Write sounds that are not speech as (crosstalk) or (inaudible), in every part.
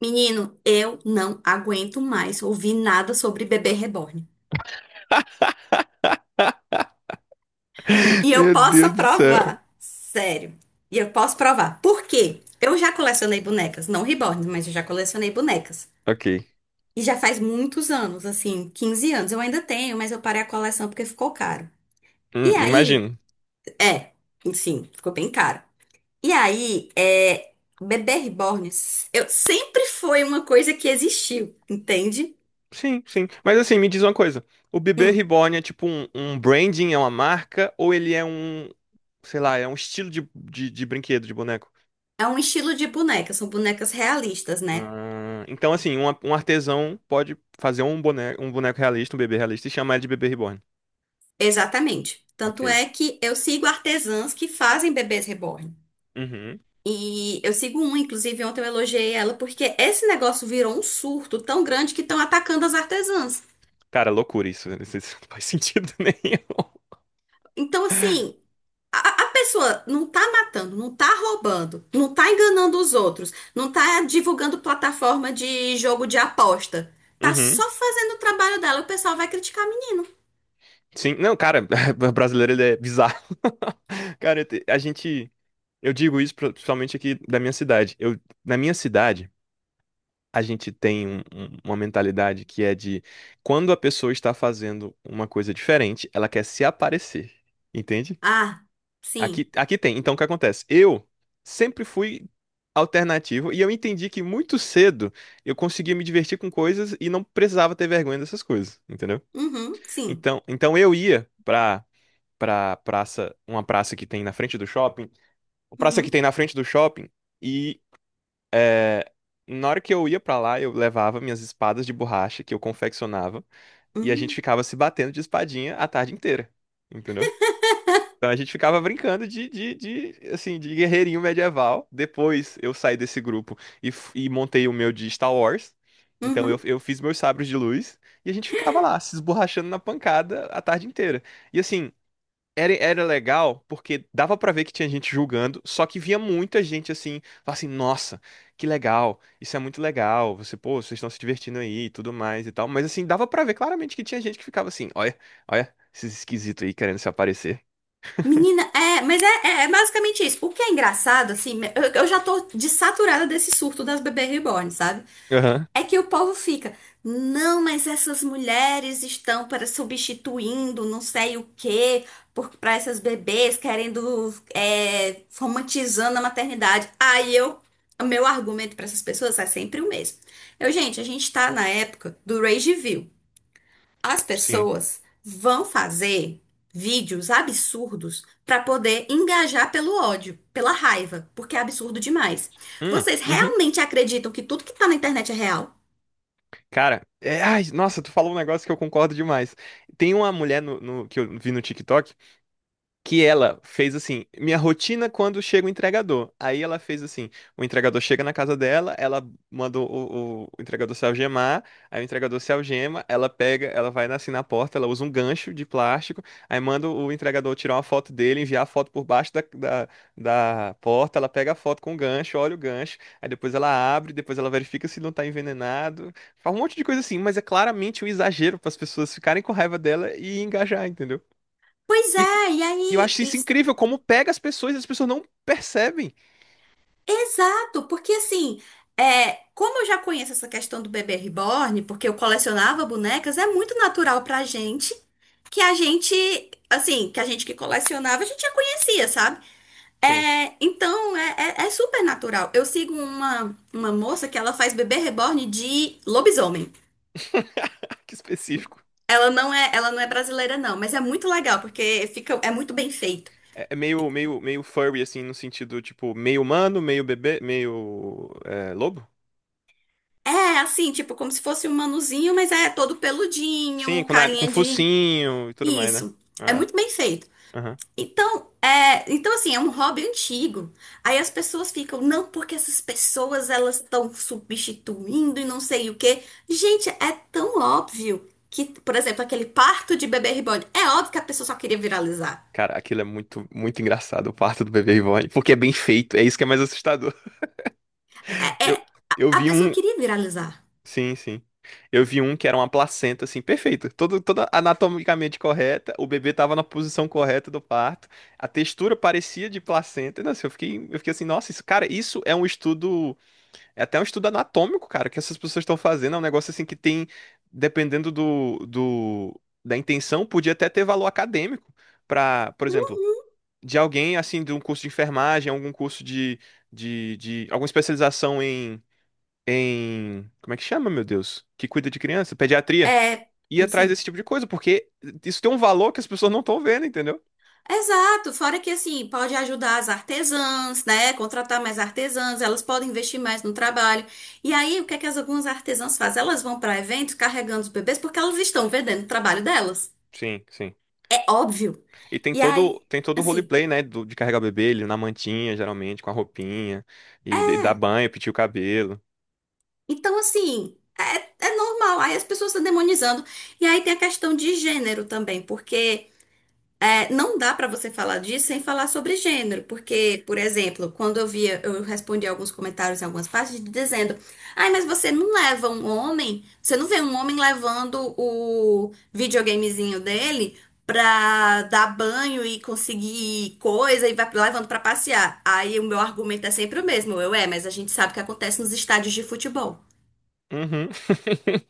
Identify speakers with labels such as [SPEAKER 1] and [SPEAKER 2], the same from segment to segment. [SPEAKER 1] Menino, eu não aguento mais ouvir nada sobre bebê reborn.
[SPEAKER 2] (laughs)
[SPEAKER 1] E eu
[SPEAKER 2] Meu
[SPEAKER 1] posso
[SPEAKER 2] Deus do céu.
[SPEAKER 1] provar, sério. E eu posso provar. Por quê? Eu já colecionei bonecas, não reborn, mas eu já colecionei bonecas.
[SPEAKER 2] Ok.
[SPEAKER 1] E já faz muitos anos, assim, 15 anos. Eu ainda tenho, mas eu parei a coleção porque ficou caro. E aí,
[SPEAKER 2] Imagino.
[SPEAKER 1] é, sim, ficou bem caro. E aí, bebê reborn, eu sempre foi uma coisa que existiu, entende?
[SPEAKER 2] Sim, sim. Mas assim, me diz uma coisa. O bebê
[SPEAKER 1] Hum.
[SPEAKER 2] reborn é tipo um branding, é uma marca, ou ele é um, sei lá, é um estilo de brinquedo, de boneco?
[SPEAKER 1] É um estilo de boneca, são bonecas realistas, né?
[SPEAKER 2] Ah, então, assim, um artesão pode fazer um boneco realista, um bebê realista, e chamar ele de bebê reborn.
[SPEAKER 1] Exatamente. Tanto
[SPEAKER 2] Ok.
[SPEAKER 1] é que eu sigo artesãs que fazem bebês reborn.
[SPEAKER 2] Uhum.
[SPEAKER 1] E eu sigo uma, inclusive ontem eu elogiei ela porque esse negócio virou um surto tão grande que estão atacando as artesãs.
[SPEAKER 2] Cara, loucura isso. Isso não faz sentido (laughs) nenhum.
[SPEAKER 1] Então, assim, a, a pessoa não tá matando, não tá roubando, não tá enganando os outros, não tá divulgando plataforma de jogo de aposta. Tá
[SPEAKER 2] Uhum.
[SPEAKER 1] só fazendo o trabalho dela, o pessoal vai criticar menino.
[SPEAKER 2] Sim, não, cara, (laughs) o brasileiro ele é bizarro. (laughs) Cara, a gente. Eu digo isso principalmente aqui da minha cidade. Eu, na minha cidade, a gente tem uma mentalidade que é de quando a pessoa está fazendo uma coisa diferente, ela quer se aparecer. Entende?
[SPEAKER 1] Ah, sim.
[SPEAKER 2] Aqui tem. Então, o que acontece? Eu sempre fui alternativo e eu entendi que muito cedo eu conseguia me divertir com coisas e não precisava ter vergonha dessas coisas. Entendeu?
[SPEAKER 1] Uhum, sim.
[SPEAKER 2] Então eu ia pra praça, uma praça que
[SPEAKER 1] Uhum.
[SPEAKER 2] tem na frente do shopping, e é, na hora que eu ia pra lá, eu levava minhas espadas de borracha que eu confeccionava, e a gente
[SPEAKER 1] Hum,
[SPEAKER 2] ficava se batendo de espadinha a tarde inteira, entendeu? Então a gente ficava brincando assim, de guerreirinho medieval. Depois eu saí desse grupo e montei o meu de Star Wars. Então eu,
[SPEAKER 1] uhum.
[SPEAKER 2] eu fiz meus sabres de luz e a gente ficava lá, se esborrachando na pancada a tarde inteira. E assim, era legal porque dava pra ver que tinha gente julgando, só que via muita gente assim, falava assim, nossa, que legal, isso é muito legal, você, pô, vocês estão se divertindo aí e tudo mais e tal, mas assim, dava pra ver claramente que tinha gente que ficava assim, olha, olha, esses esquisitos aí querendo se aparecer.
[SPEAKER 1] Menina, mas é basicamente isso. O que é engraçado, assim, eu já tô desaturada desse surto das bebês reborn, sabe?
[SPEAKER 2] Aham,
[SPEAKER 1] É que o povo fica, não, mas essas mulheres estão para substituindo não sei o quê, para essas bebês querendo, romantizando a maternidade. Aí o meu argumento para essas pessoas é sempre o mesmo. Gente, a gente tá na época do rage view. As
[SPEAKER 2] sim.
[SPEAKER 1] pessoas vão fazer vídeos absurdos para poder engajar pelo ódio, pela raiva, porque é absurdo demais.
[SPEAKER 2] Hum,
[SPEAKER 1] Vocês
[SPEAKER 2] uhum.
[SPEAKER 1] realmente acreditam que tudo que tá na internet é real?
[SPEAKER 2] Cara, ai, nossa, tu falou um negócio que eu concordo demais. Tem uma mulher que eu vi no TikTok que ela fez assim, minha rotina quando chega o entregador. Aí ela fez assim, o entregador chega na casa dela, ela mandou o entregador se algemar, aí o entregador se algema, ela pega, ela vai assim na porta, ela usa um gancho de plástico, aí manda o entregador tirar uma foto dele, enviar a foto por baixo da porta, ela pega a foto com o gancho, olha o gancho, aí depois ela abre, depois ela verifica se não tá envenenado, faz um monte de coisa assim, mas é claramente um exagero para as pessoas ficarem com raiva dela e engajar, entendeu?
[SPEAKER 1] Pois
[SPEAKER 2] E
[SPEAKER 1] é, e
[SPEAKER 2] e eu
[SPEAKER 1] aí?
[SPEAKER 2] acho isso incrível, como pega as pessoas e as pessoas não percebem.
[SPEAKER 1] Exato, porque assim, como eu já conheço essa questão do bebê reborn, porque eu colecionava bonecas, é muito natural pra gente que a gente, que a gente que colecionava, a gente já conhecia, sabe?
[SPEAKER 2] Sim.
[SPEAKER 1] É, então é super natural. Eu sigo uma moça que ela faz bebê reborn de lobisomem.
[SPEAKER 2] (laughs) Que específico.
[SPEAKER 1] Ela não é brasileira, não, mas é muito legal, porque fica, é muito bem feito.
[SPEAKER 2] É meio, furry, assim, no sentido, tipo, meio humano, meio bebê, meio lobo?
[SPEAKER 1] É assim, tipo, como se fosse um manuzinho, mas é todo
[SPEAKER 2] Sim,
[SPEAKER 1] peludinho,
[SPEAKER 2] com, nariz, com
[SPEAKER 1] carinha de.
[SPEAKER 2] focinho e tudo mais, né?
[SPEAKER 1] Isso. É
[SPEAKER 2] Ah,
[SPEAKER 1] muito bem feito.
[SPEAKER 2] aham.
[SPEAKER 1] Então assim, é um hobby antigo. Aí as pessoas ficam, não, porque essas pessoas elas estão substituindo e não sei o quê. Gente, é tão óbvio que, por exemplo, aquele parto de bebê reborn, é óbvio que a pessoa só queria viralizar.
[SPEAKER 2] Cara, aquilo é muito, muito engraçado, o parto do bebê reborn, porque é bem feito, é isso que é mais assustador.
[SPEAKER 1] É,
[SPEAKER 2] (laughs) Eu,
[SPEAKER 1] é,
[SPEAKER 2] eu
[SPEAKER 1] a
[SPEAKER 2] vi
[SPEAKER 1] pessoa
[SPEAKER 2] um,
[SPEAKER 1] queria viralizar.
[SPEAKER 2] sim, sim. Eu vi um que era uma placenta, assim, perfeita. Toda anatomicamente correta. O bebê tava na posição correta do parto. A textura parecia de placenta. Nossa, eu fiquei assim, nossa, isso, cara, isso é um estudo. É até um estudo anatômico, cara, que essas pessoas estão fazendo. É um negócio assim que tem, dependendo do, da intenção, podia até ter valor acadêmico. Pra, por exemplo,
[SPEAKER 1] Hum?
[SPEAKER 2] de alguém assim, de um curso de enfermagem, algum curso de, de alguma especialização em. Como é que chama, meu Deus? Que cuida de criança, pediatria,
[SPEAKER 1] É,
[SPEAKER 2] ir atrás desse
[SPEAKER 1] sim.
[SPEAKER 2] tipo de coisa, porque isso tem um valor que as pessoas não estão vendo, entendeu?
[SPEAKER 1] Exato, fora que assim, pode ajudar as artesãs, né? Contratar mais artesãs, elas podem investir mais no trabalho. E aí, o que é que as algumas artesãs fazem? Elas vão para eventos carregando os bebês porque elas estão vendendo o trabalho delas.
[SPEAKER 2] Sim, sim.
[SPEAKER 1] É óbvio.
[SPEAKER 2] E tem
[SPEAKER 1] E
[SPEAKER 2] todo,
[SPEAKER 1] aí,
[SPEAKER 2] tem todo o
[SPEAKER 1] assim,
[SPEAKER 2] roleplay, né? de carregar o bebê, ele na mantinha, geralmente, com a roupinha, e dar banho, pentear o cabelo.
[SPEAKER 1] então assim, é normal. Aí as pessoas estão demonizando. E aí tem a questão de gênero também, porque não dá para você falar disso sem falar sobre gênero, porque, por exemplo, quando eu via, eu respondi alguns comentários em algumas partes dizendo: ai, mas você não leva um homem, você não vê um homem levando o videogamezinho dele pra dar banho e conseguir coisa e vai levando pra passear. Aí o meu argumento é sempre o mesmo: mas a gente sabe o que acontece nos estádios de futebol.
[SPEAKER 2] Uhum.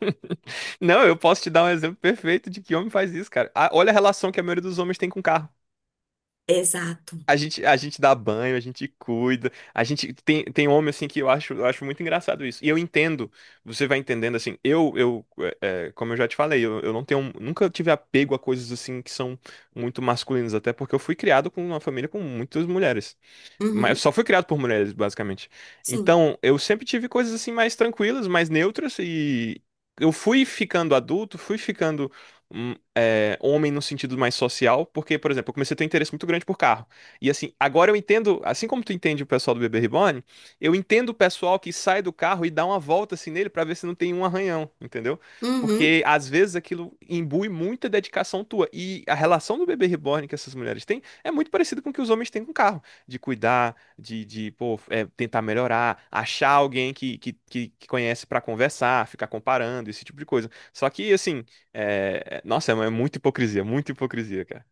[SPEAKER 2] (laughs) Não, eu posso te dar um exemplo perfeito de que homem faz isso, cara. Ah, olha a relação que a maioria dos homens tem com carro.
[SPEAKER 1] Exato.
[SPEAKER 2] A gente dá banho, a gente cuida, a gente tem homem assim que eu acho muito engraçado isso. E eu entendo, você vai entendendo assim, como eu já te falei, eu não tenho, nunca tive apego a coisas assim que são muito masculinas, até porque eu fui criado com uma família com muitas mulheres. Mas
[SPEAKER 1] Uhum,
[SPEAKER 2] só foi criado por mulheres, basicamente.
[SPEAKER 1] sim.
[SPEAKER 2] Então, eu sempre tive coisas assim mais tranquilas, mais neutras, e eu fui ficando adulto, fui ficando homem no sentido mais social, porque, por exemplo, eu comecei a ter um interesse muito grande por carro. E assim, agora eu entendo, assim como tu entende o pessoal do Bebê Reborn, eu entendo o pessoal que sai do carro e dá uma volta assim nele pra ver se não tem um arranhão, entendeu? Porque
[SPEAKER 1] Uhum.
[SPEAKER 2] às vezes aquilo imbui muita dedicação tua. E a relação do Bebê Reborn que essas mulheres têm é muito parecida com o que os homens têm com o carro de cuidar, de pô, tentar melhorar, achar alguém que conhece para conversar, ficar comparando, esse tipo de coisa. Só que, assim, nossa, é muita hipocrisia, cara.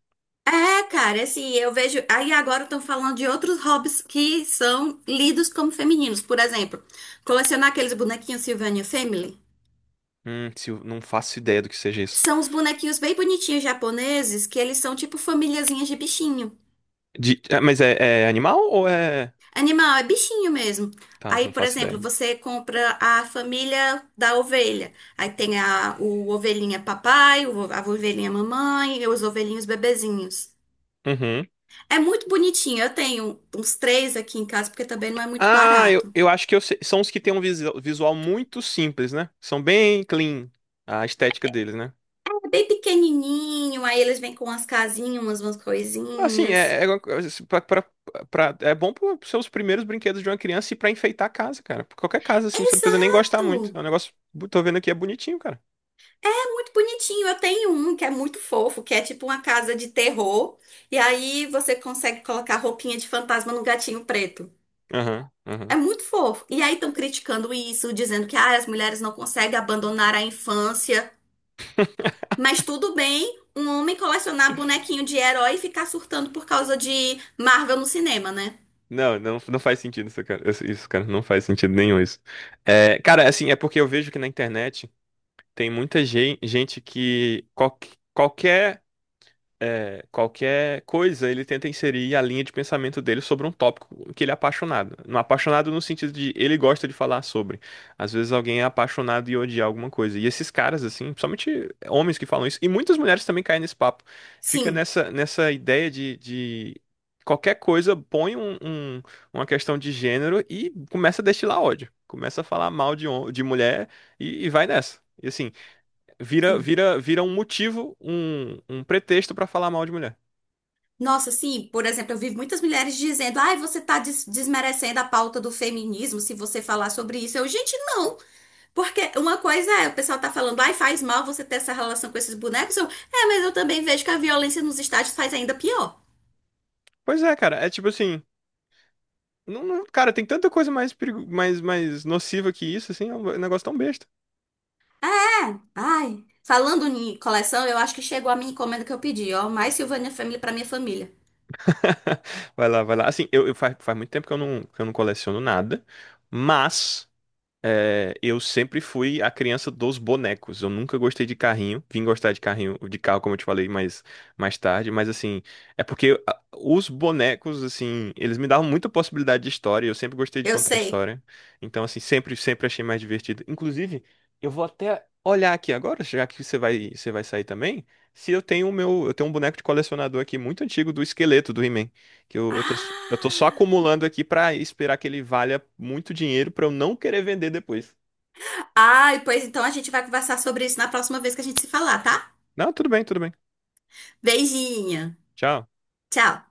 [SPEAKER 1] É, cara, assim, eu vejo. Aí agora estão falando de outros hobbies que são lidos como femininos. Por exemplo, colecionar aqueles bonequinhos Sylvania Family.
[SPEAKER 2] Se eu- não faço ideia do que seja isso.
[SPEAKER 1] São os bonequinhos bem bonitinhos japoneses que eles são tipo famíliazinhas de bichinho.
[SPEAKER 2] Mas é animal ou é.
[SPEAKER 1] Animal é bichinho mesmo.
[SPEAKER 2] Tá,
[SPEAKER 1] Aí,
[SPEAKER 2] não
[SPEAKER 1] por
[SPEAKER 2] faço
[SPEAKER 1] exemplo,
[SPEAKER 2] ideia.
[SPEAKER 1] você compra a família da ovelha. Aí tem o ovelhinha papai, a ovelhinha mamãe e os ovelhinhos bebezinhos.
[SPEAKER 2] Uhum.
[SPEAKER 1] É muito bonitinho. Eu tenho uns três aqui em casa porque também não é muito
[SPEAKER 2] Ah, eu,
[SPEAKER 1] barato.
[SPEAKER 2] eu acho que são os que têm um visual muito simples, né? São bem clean a estética deles, né?
[SPEAKER 1] É bem pequenininho, aí eles vêm com umas casinhas, umas
[SPEAKER 2] Assim,
[SPEAKER 1] coisinhas.
[SPEAKER 2] uma coisa, assim, é bom para seus primeiros brinquedos de uma criança e pra enfeitar a casa, cara. Pra qualquer casa, assim, você não precisa nem gostar muito. É
[SPEAKER 1] Exato!
[SPEAKER 2] um negócio, tô vendo aqui, é bonitinho, cara.
[SPEAKER 1] É muito bonitinho. Eu tenho um que é muito fofo, que é tipo uma casa de terror. E aí você consegue colocar roupinha de fantasma no gatinho preto.
[SPEAKER 2] Aham,
[SPEAKER 1] É
[SPEAKER 2] aham.
[SPEAKER 1] muito fofo. E aí estão criticando isso, dizendo que ah, as mulheres não conseguem abandonar a infância. Mas tudo bem um homem colecionar bonequinho de herói e ficar surtando por causa de Marvel no cinema, né?
[SPEAKER 2] Não, não, não faz sentido isso, cara. Isso, cara, não faz sentido nenhum isso. É, cara, assim, é porque eu vejo que na internet tem muita gente que qualquer, qualquer coisa, ele tenta inserir a linha de pensamento dele sobre um tópico que ele é apaixonado. Não apaixonado no sentido de ele gosta de falar sobre. Às vezes alguém é apaixonado e odia alguma coisa. E esses caras, assim, principalmente homens que falam isso, e muitas mulheres também caem nesse papo. Fica
[SPEAKER 1] Sim,
[SPEAKER 2] nessa, ideia de qualquer coisa põe uma questão de gênero e começa a destilar ódio. Começa a falar mal de mulher e vai nessa. E assim, Vira,
[SPEAKER 1] sim.
[SPEAKER 2] vira, vira um motivo, um pretexto pra falar mal de mulher.
[SPEAKER 1] Nossa, sim, por exemplo, eu vi muitas mulheres dizendo: ai, você está desmerecendo a pauta do feminismo se você falar sobre isso. Gente, não. Porque uma coisa é, o pessoal tá falando, ai, faz mal você ter essa relação com esses bonecos. Mas eu também vejo que a violência nos estádios faz ainda pior.
[SPEAKER 2] Pois é, cara, é tipo assim, cara, tem tanta coisa mais, perigo, mais, mais nociva que isso, assim, é um negócio tão besta.
[SPEAKER 1] É, ai. Falando em coleção, eu acho que chegou a minha encomenda que eu pedi, ó. Mais Silvânia Family pra minha família.
[SPEAKER 2] (laughs) Vai lá, vai lá. Assim, faz muito tempo que eu não coleciono nada, mas é, eu sempre fui a criança dos bonecos. Eu nunca gostei de carrinho. Vim gostar de carrinho, de carro, como eu te falei, mais tarde. Mas assim, é porque os bonecos, assim, eles me davam muita possibilidade de história. Eu sempre gostei de
[SPEAKER 1] Eu
[SPEAKER 2] contar
[SPEAKER 1] sei.
[SPEAKER 2] história. Então, assim, sempre, sempre achei mais divertido. Inclusive, eu vou até olhar aqui agora, já que você vai sair também. Se eu tenho o meu, eu tenho um boneco de colecionador aqui muito antigo do esqueleto do He-Man. Que eu tô só
[SPEAKER 1] Ah!
[SPEAKER 2] acumulando aqui pra esperar que ele valha muito dinheiro pra eu não querer vender depois.
[SPEAKER 1] Ai, pois então a gente vai conversar sobre isso na próxima vez que a gente se falar, tá?
[SPEAKER 2] Não, tudo bem, tudo bem.
[SPEAKER 1] Beijinha.
[SPEAKER 2] Tchau.
[SPEAKER 1] Tchau.